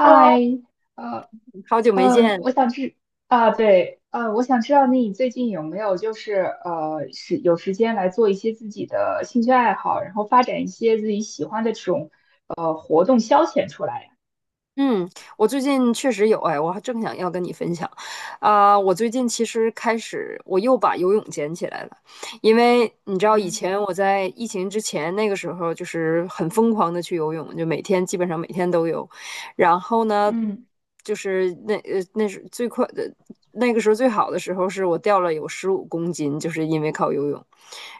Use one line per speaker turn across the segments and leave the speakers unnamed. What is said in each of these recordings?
Hello，
呃
好久没见。
我想知啊，对，我想知道你最近有没有就是是有时间来做一些自己的兴趣爱好，然后发展一些自己喜欢的这种活动消遣出来呀？
嗯，我最近确实有哎，我还正想要跟你分享。啊，我最近其实开始我又把游泳捡起来了，因为你知道以
嗯
前我在疫情之前那个时候就是很疯狂的去游泳，就基本上每天都游。然后呢，
嗯
就是那是最快的那个时候最好的时候是我掉了有15公斤，就是因为靠游泳。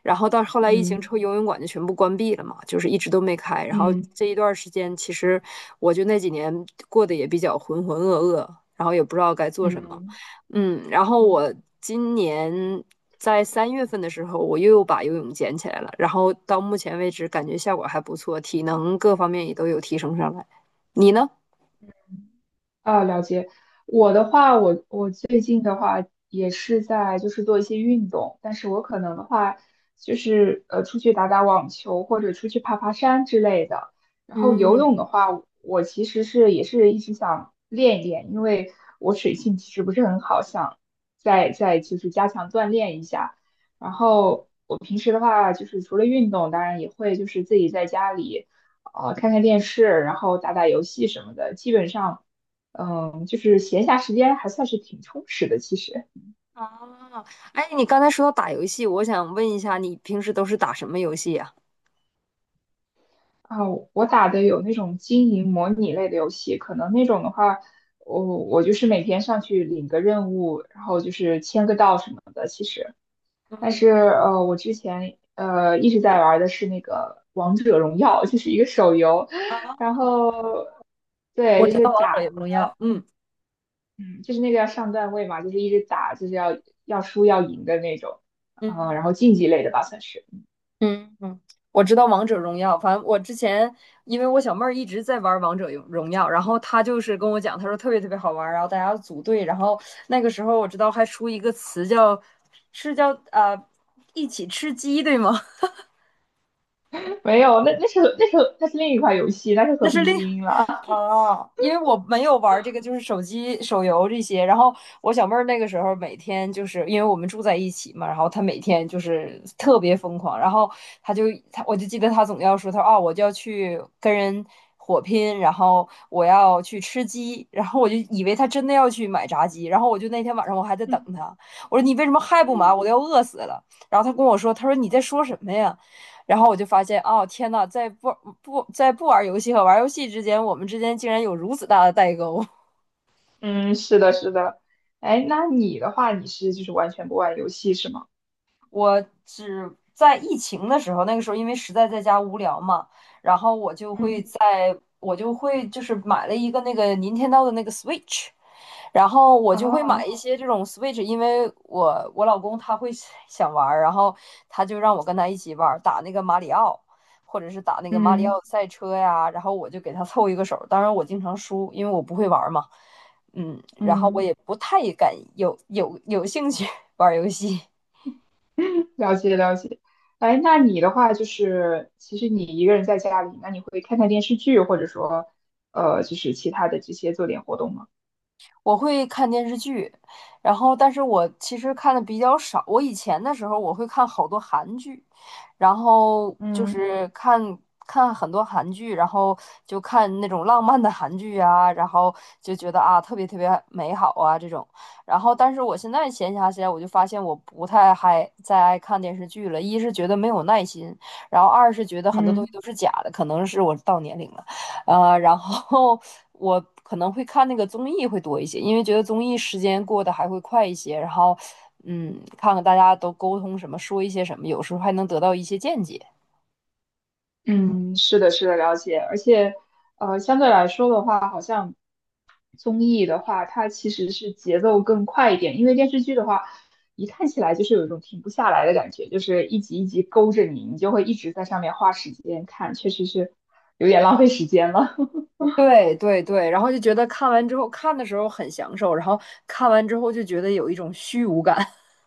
然后到后来疫情之
嗯
后，游泳馆就全部关闭了嘛，就是一直都没开。然后
嗯
这一段时间，其实我就那几年过得也比较浑浑噩噩，然后也不知道该做
嗯
什么。
嗯
嗯，然后
嗯，
我今年在3月份的时候，我又把游泳捡起来了，然后到目前为止感觉效果还不错，体能各方面也都有提升上来。你呢？
啊，了解。我的话，我最近的话也是在就是做一些运动，但是我可能的话就是出去打打网球或者出去爬爬山之类的。然后游
嗯，
泳的话，我其实是也是一直想练一练，因为我水性其实不是很好，想再就是加强锻炼一下。然后我平时的话就是除了运动，当然也会就是自己在家里。看看电视，然后打打游戏什么的，基本上就是闲暇时间还算是挺充实的。其实。
啊。哎，你刚才说到打游戏，我想问一下，你平时都是打什么游戏呀？
啊，我打的有那种经营模拟类的游戏，可能那种的话，我就是每天上去领个任务，然后就是签个到什么的。其实，但是我之前一直在玩的是那个《王者荣耀》，就是一个手游，
嗯，
然后
我
对，就
知
是
道王
打，
者荣耀，嗯
嗯，就是那个要上段位嘛，就是一直打，就是要输要赢的那种，嗯，然
嗯
后竞技类的吧，算是。
嗯嗯，我知道王者荣耀，反正我之前因为我小妹儿一直在玩王者荣耀，然后她就是跟我讲，她说特别特别好玩儿，然后大家组队，然后那个时候我知道还出一个词叫一起吃鸡，对吗？
没有，那是另一款游戏，那是
那
和
是
平
另
精英了。
哦，因为我没有玩这个，就是手机手游这些。然后我小妹儿那个时候每天就是因为我们住在一起嘛，然后她每天就是特别疯狂。然后她就她，我就记得她总要说，她说啊，我就要去跟人火拼，然后我要去吃鸡，然后我就以为她真的要去买炸鸡。然后我就那天晚上我还在等她，我说你为什么还不买？我都要饿死了。然后她跟我说，她说你在说 什么呀？然后我就发现，哦，天呐，在不嗯不在不玩游戏和玩游戏之间，我们之间竟然有如此大的代沟。
嗯，是的，是的。哎，那你的话，你是就是完全不玩游戏是吗？
我只在疫情的时候，那个时候因为实在在家无聊嘛，然后
嗯，
我就会就是买了一个那个 Nintendo 的那个 Switch，然后我就会买
哦，
一些这种 Switch，因为我老公他会 想玩儿，然后他就让我跟他一起玩儿，打那个马里奥，或者是打那个马里奥
嗯
赛车呀，然后我就给他凑一个手儿。当然我经常输，因为我不会玩儿嘛，嗯，然后我
嗯，
也不太敢有兴趣 玩儿游戏。
了解了解。哎，那你的话就是，其实你一个人在家里，那你会看看电视剧，或者说，就是其他的这些做点活动吗？
我会看电视剧，然后但是我其实看的比较少。我以前的时候我会看好多韩剧，然后就
嗯
是看很多韩剧，然后就看那种浪漫的韩剧啊，然后就觉得啊特别特别美好啊这种。然后但是我现在闲暇起来，我就发现我不太还再爱看电视剧了，一是觉得没有耐心，然后二是觉得很多东
嗯，
西都是假的，可能是我到年龄了。然后 我可能会看那个综艺会多一些，因为觉得综艺时间过得还会快一些。然后，嗯，看看大家都沟通什么，说一些什么，有时候还能得到一些见解。
嗯，是的，是的，了解。而且，相对来说的话，好像。综艺的话，它其实是节奏更快一点，因为电视剧的话，一看起来就是有一种停不下来的感觉，就是一集一集勾着你，你就会一直在上面花时间看，确实是有点浪费时间了。
对对对，然后就觉得看完之后看的时候很享受，然后看完之后就觉得有一种虚无感。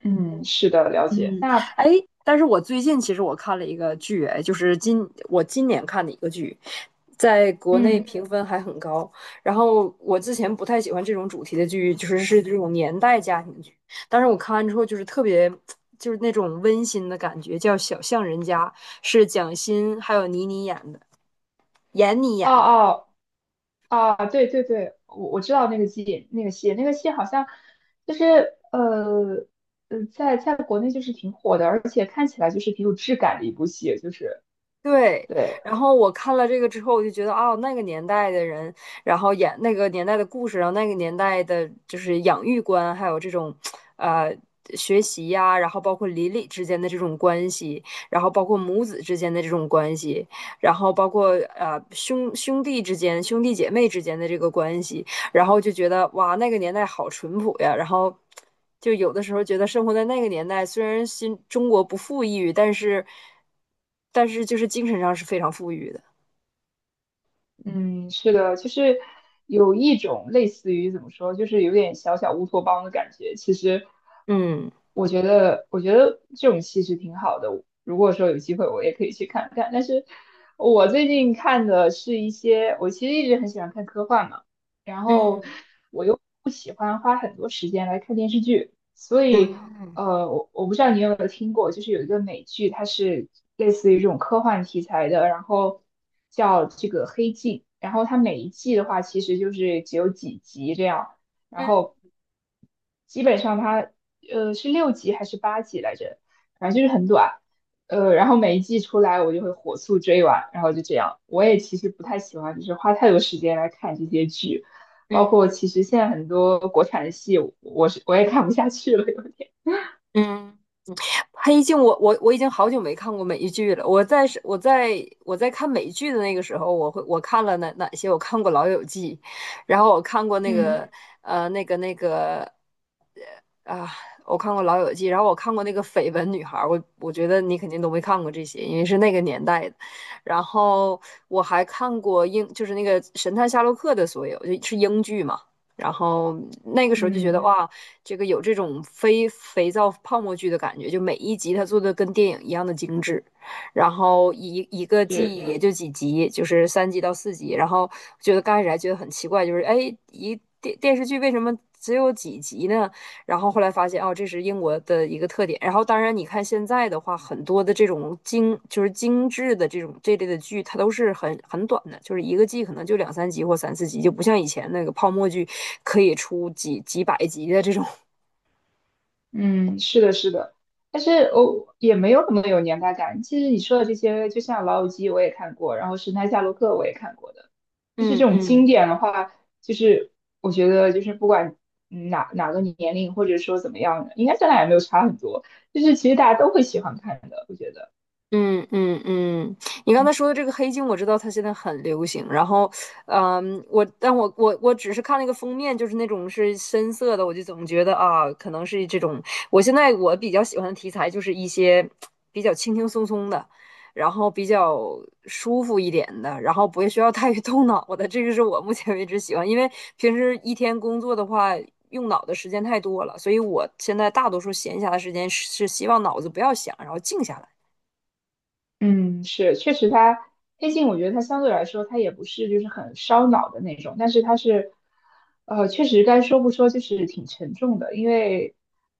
嗯，是的，了
嗯，
解。那，
哎，但是我最近其实我看了一个剧，哎，就是我今年看的一个剧，在国内
嗯，
评分还很高。然后我之前不太喜欢这种主题的剧，就是这种年代家庭剧，但是我看完之后就是特别，就是那种温馨的感觉，叫《小巷人家》，是蒋欣还有倪妮演的，闫妮演
哦
的。
哦，哦，对对对，我知道那个戏，那个戏，那个戏好像就是呃在国内就是挺火的，而且看起来就是挺有质感的一部戏，就是
对，
对。
然后我看了这个之后，我就觉得哦，那个年代的人，然后演那个年代的故事，然后那个年代的就是养育观，还有这种，呃，学习呀、然后包括邻里之间的这种关系，然后包括母子之间的这种关系，然后包括兄弟之间、兄弟姐妹之间的这个关系，然后就觉得哇，那个年代好淳朴呀。然后就有的时候觉得生活在那个年代，虽然新中国不富裕，但是就是精神上是非常富裕的。
嗯，是的，就是有一种类似于怎么说，就是有点小小乌托邦的感觉。其实，
嗯，
我觉得，我觉得这种戏是挺好的。如果说有机会，我也可以去看看。但是我最近看的是一些，我其实一直很喜欢看科幻嘛，然后我又不喜欢花很多时间来看电视剧，所以我不知道你有没有听过，就是有一个美剧，它是类似于这种科幻题材的，然后叫这个《黑镜》，然后它每一季的话其实就是只有几集这样，然后基本上它是六集还是八集来着，反正就是很短。然后每一季出来，我就会火速追完，然后就这样。我也其实不太喜欢，就是花太多时间来看这些剧。包括其实现在很多国产的戏，我也看不下去了，有点。
黑镜我已经好久没看过美剧了。我在看美剧的那个时候，我看了哪些？我看过《老友记》，然后我看过那个
嗯
呃那个那个啊，我看过《老友记》，然后我看过那个《绯闻女孩》，我觉得你肯定都没看过这些，因为是那个年代的。然后我还看过就是那个《神探夏洛克》的所有，就是英剧嘛。然后那个时候就觉得
嗯，
哇，这个有这种非肥皂泡沫剧的感觉，就每一集它做的跟电影一样的精致，然后一个季
是，
也就几集，就是3集到4集。然后觉得刚开始还觉得很奇怪，就是哎，电视剧为什么只有几集呢？然后后来发现，哦，这是英国的一个特点。然后当然，你看现在的话，很多的这种精就是精致的这种这类的剧，它都是很短的，就是一个季可能就两三集或三四集，就不像以前那个泡沫剧可以出几百集的这种。
嗯，是的，是的。但是我，也没有那么有年代感。其实你说的这些，就像《老友记》我也看过，然后《神探夏洛克》我也看过的，就是
嗯
这种 经
嗯。
典的话，就是我觉得就是不管哪个年龄或者说怎么样的，应该咱俩也没有差很多，就是其实大家都会喜欢看的，我觉得。
嗯嗯嗯，你刚
嗯。
才说的这个黑镜，我知道它现在很流行。然后，嗯，我但我我我只是看了一个封面，就是那种是深色的，我就总觉得啊，可能是这种。我现在我比较喜欢的题材就是一些比较轻轻松松的，然后比较舒服一点的，然后不需要太动脑的。这个是我目前为止喜欢，因为平时一天工作的话。用脑的时间太多了，所以我现在大多数闲暇的时间是希望脑子不要想，然后静下来。
嗯，是，确实黑镜，我觉得它相对来说，它也不是就是很烧脑的那种，但是它是，确实该说不说，就是挺沉重的，因为，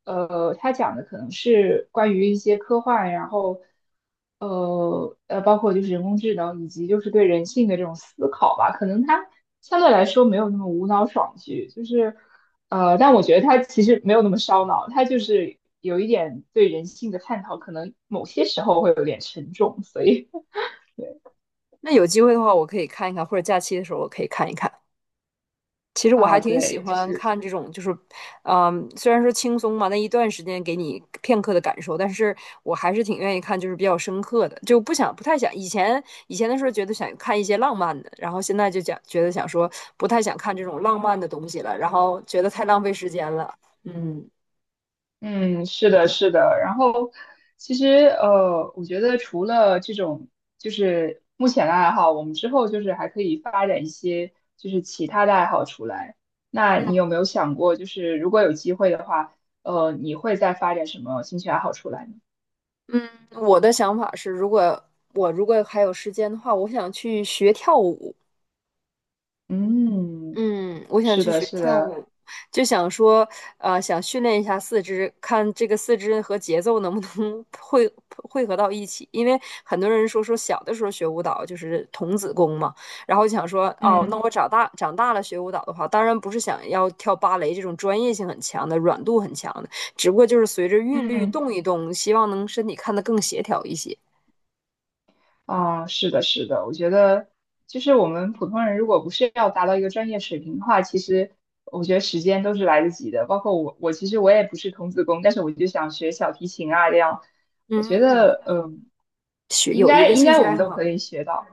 它讲的可能是关于一些科幻，然后，包括就是人工智能以及就是对人性的这种思考吧，可能它相对来说没有那么无脑爽剧，就是。但我觉得他其实没有那么烧脑，他就是有一点对人性的探讨，可能某些时候会有点沉重，所以
那有机会的话，我可以看一看，或者假期的时候我可以看一看。其实 我还
啊，
挺喜
对，就
欢
是
看这种，就是，嗯，虽然说轻松嘛，那一段时间给你片刻的感受，但是我还是挺愿意看，就是比较深刻的，就不想不太想以前的时候觉得想看一些浪漫的，然后现在就讲觉得想说不太想看这种浪漫的东西了，然后觉得太浪费时间了。嗯，
嗯，是的，是的。然后其实我觉得除了这种就是目前的爱好，我们之后就是还可以发展一些就是其他的爱好出来。那你有没有想过，就是如果有机会的话，你会再发展什么兴趣爱好出来呢？
我的想法是，如果还有时间的话，我想去学跳舞。
嗯，
嗯，我想
是
去
的，
学
是
跳
的，
舞，就想说，想训练一下四肢，看这个四肢和节奏能不能 汇合到一起。因为很多人说小的时候学舞蹈就是童子功嘛，然后就想说，哦，那
嗯
我长大了学舞蹈的话，当然不是想要跳芭蕾这种专业性很强的、软度很强的，只不过就是随着韵律
嗯。
动一动，希望能身体看得更协调一些。
啊，是的，是的，我觉得就是我们普通人如果不是要达到一个专业水平的话，其实我觉得时间都是来得及的。包括我，我其实我也不是童子功，但是我就想学小提琴啊，这样我觉
嗯，
得
学
应
有一
该
个
应
兴
该
趣
我们
爱
都可
好，
以学到，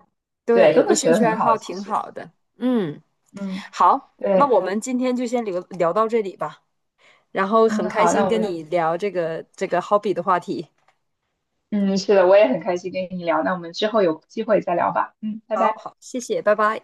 对，
对，
都
有
能
个兴
学得
趣爱
很好。
好
其
挺
实，
好的。嗯。
嗯，
好，那
对，
我们今天就先聊到这里吧。然后很
嗯，
开
好，那
心
我
跟
们
你聊这个 hobby 的话题。
嗯，是的，我也很开心跟你聊，那我们之后有机会再聊吧，嗯，拜
好
拜。
好，谢谢，拜拜。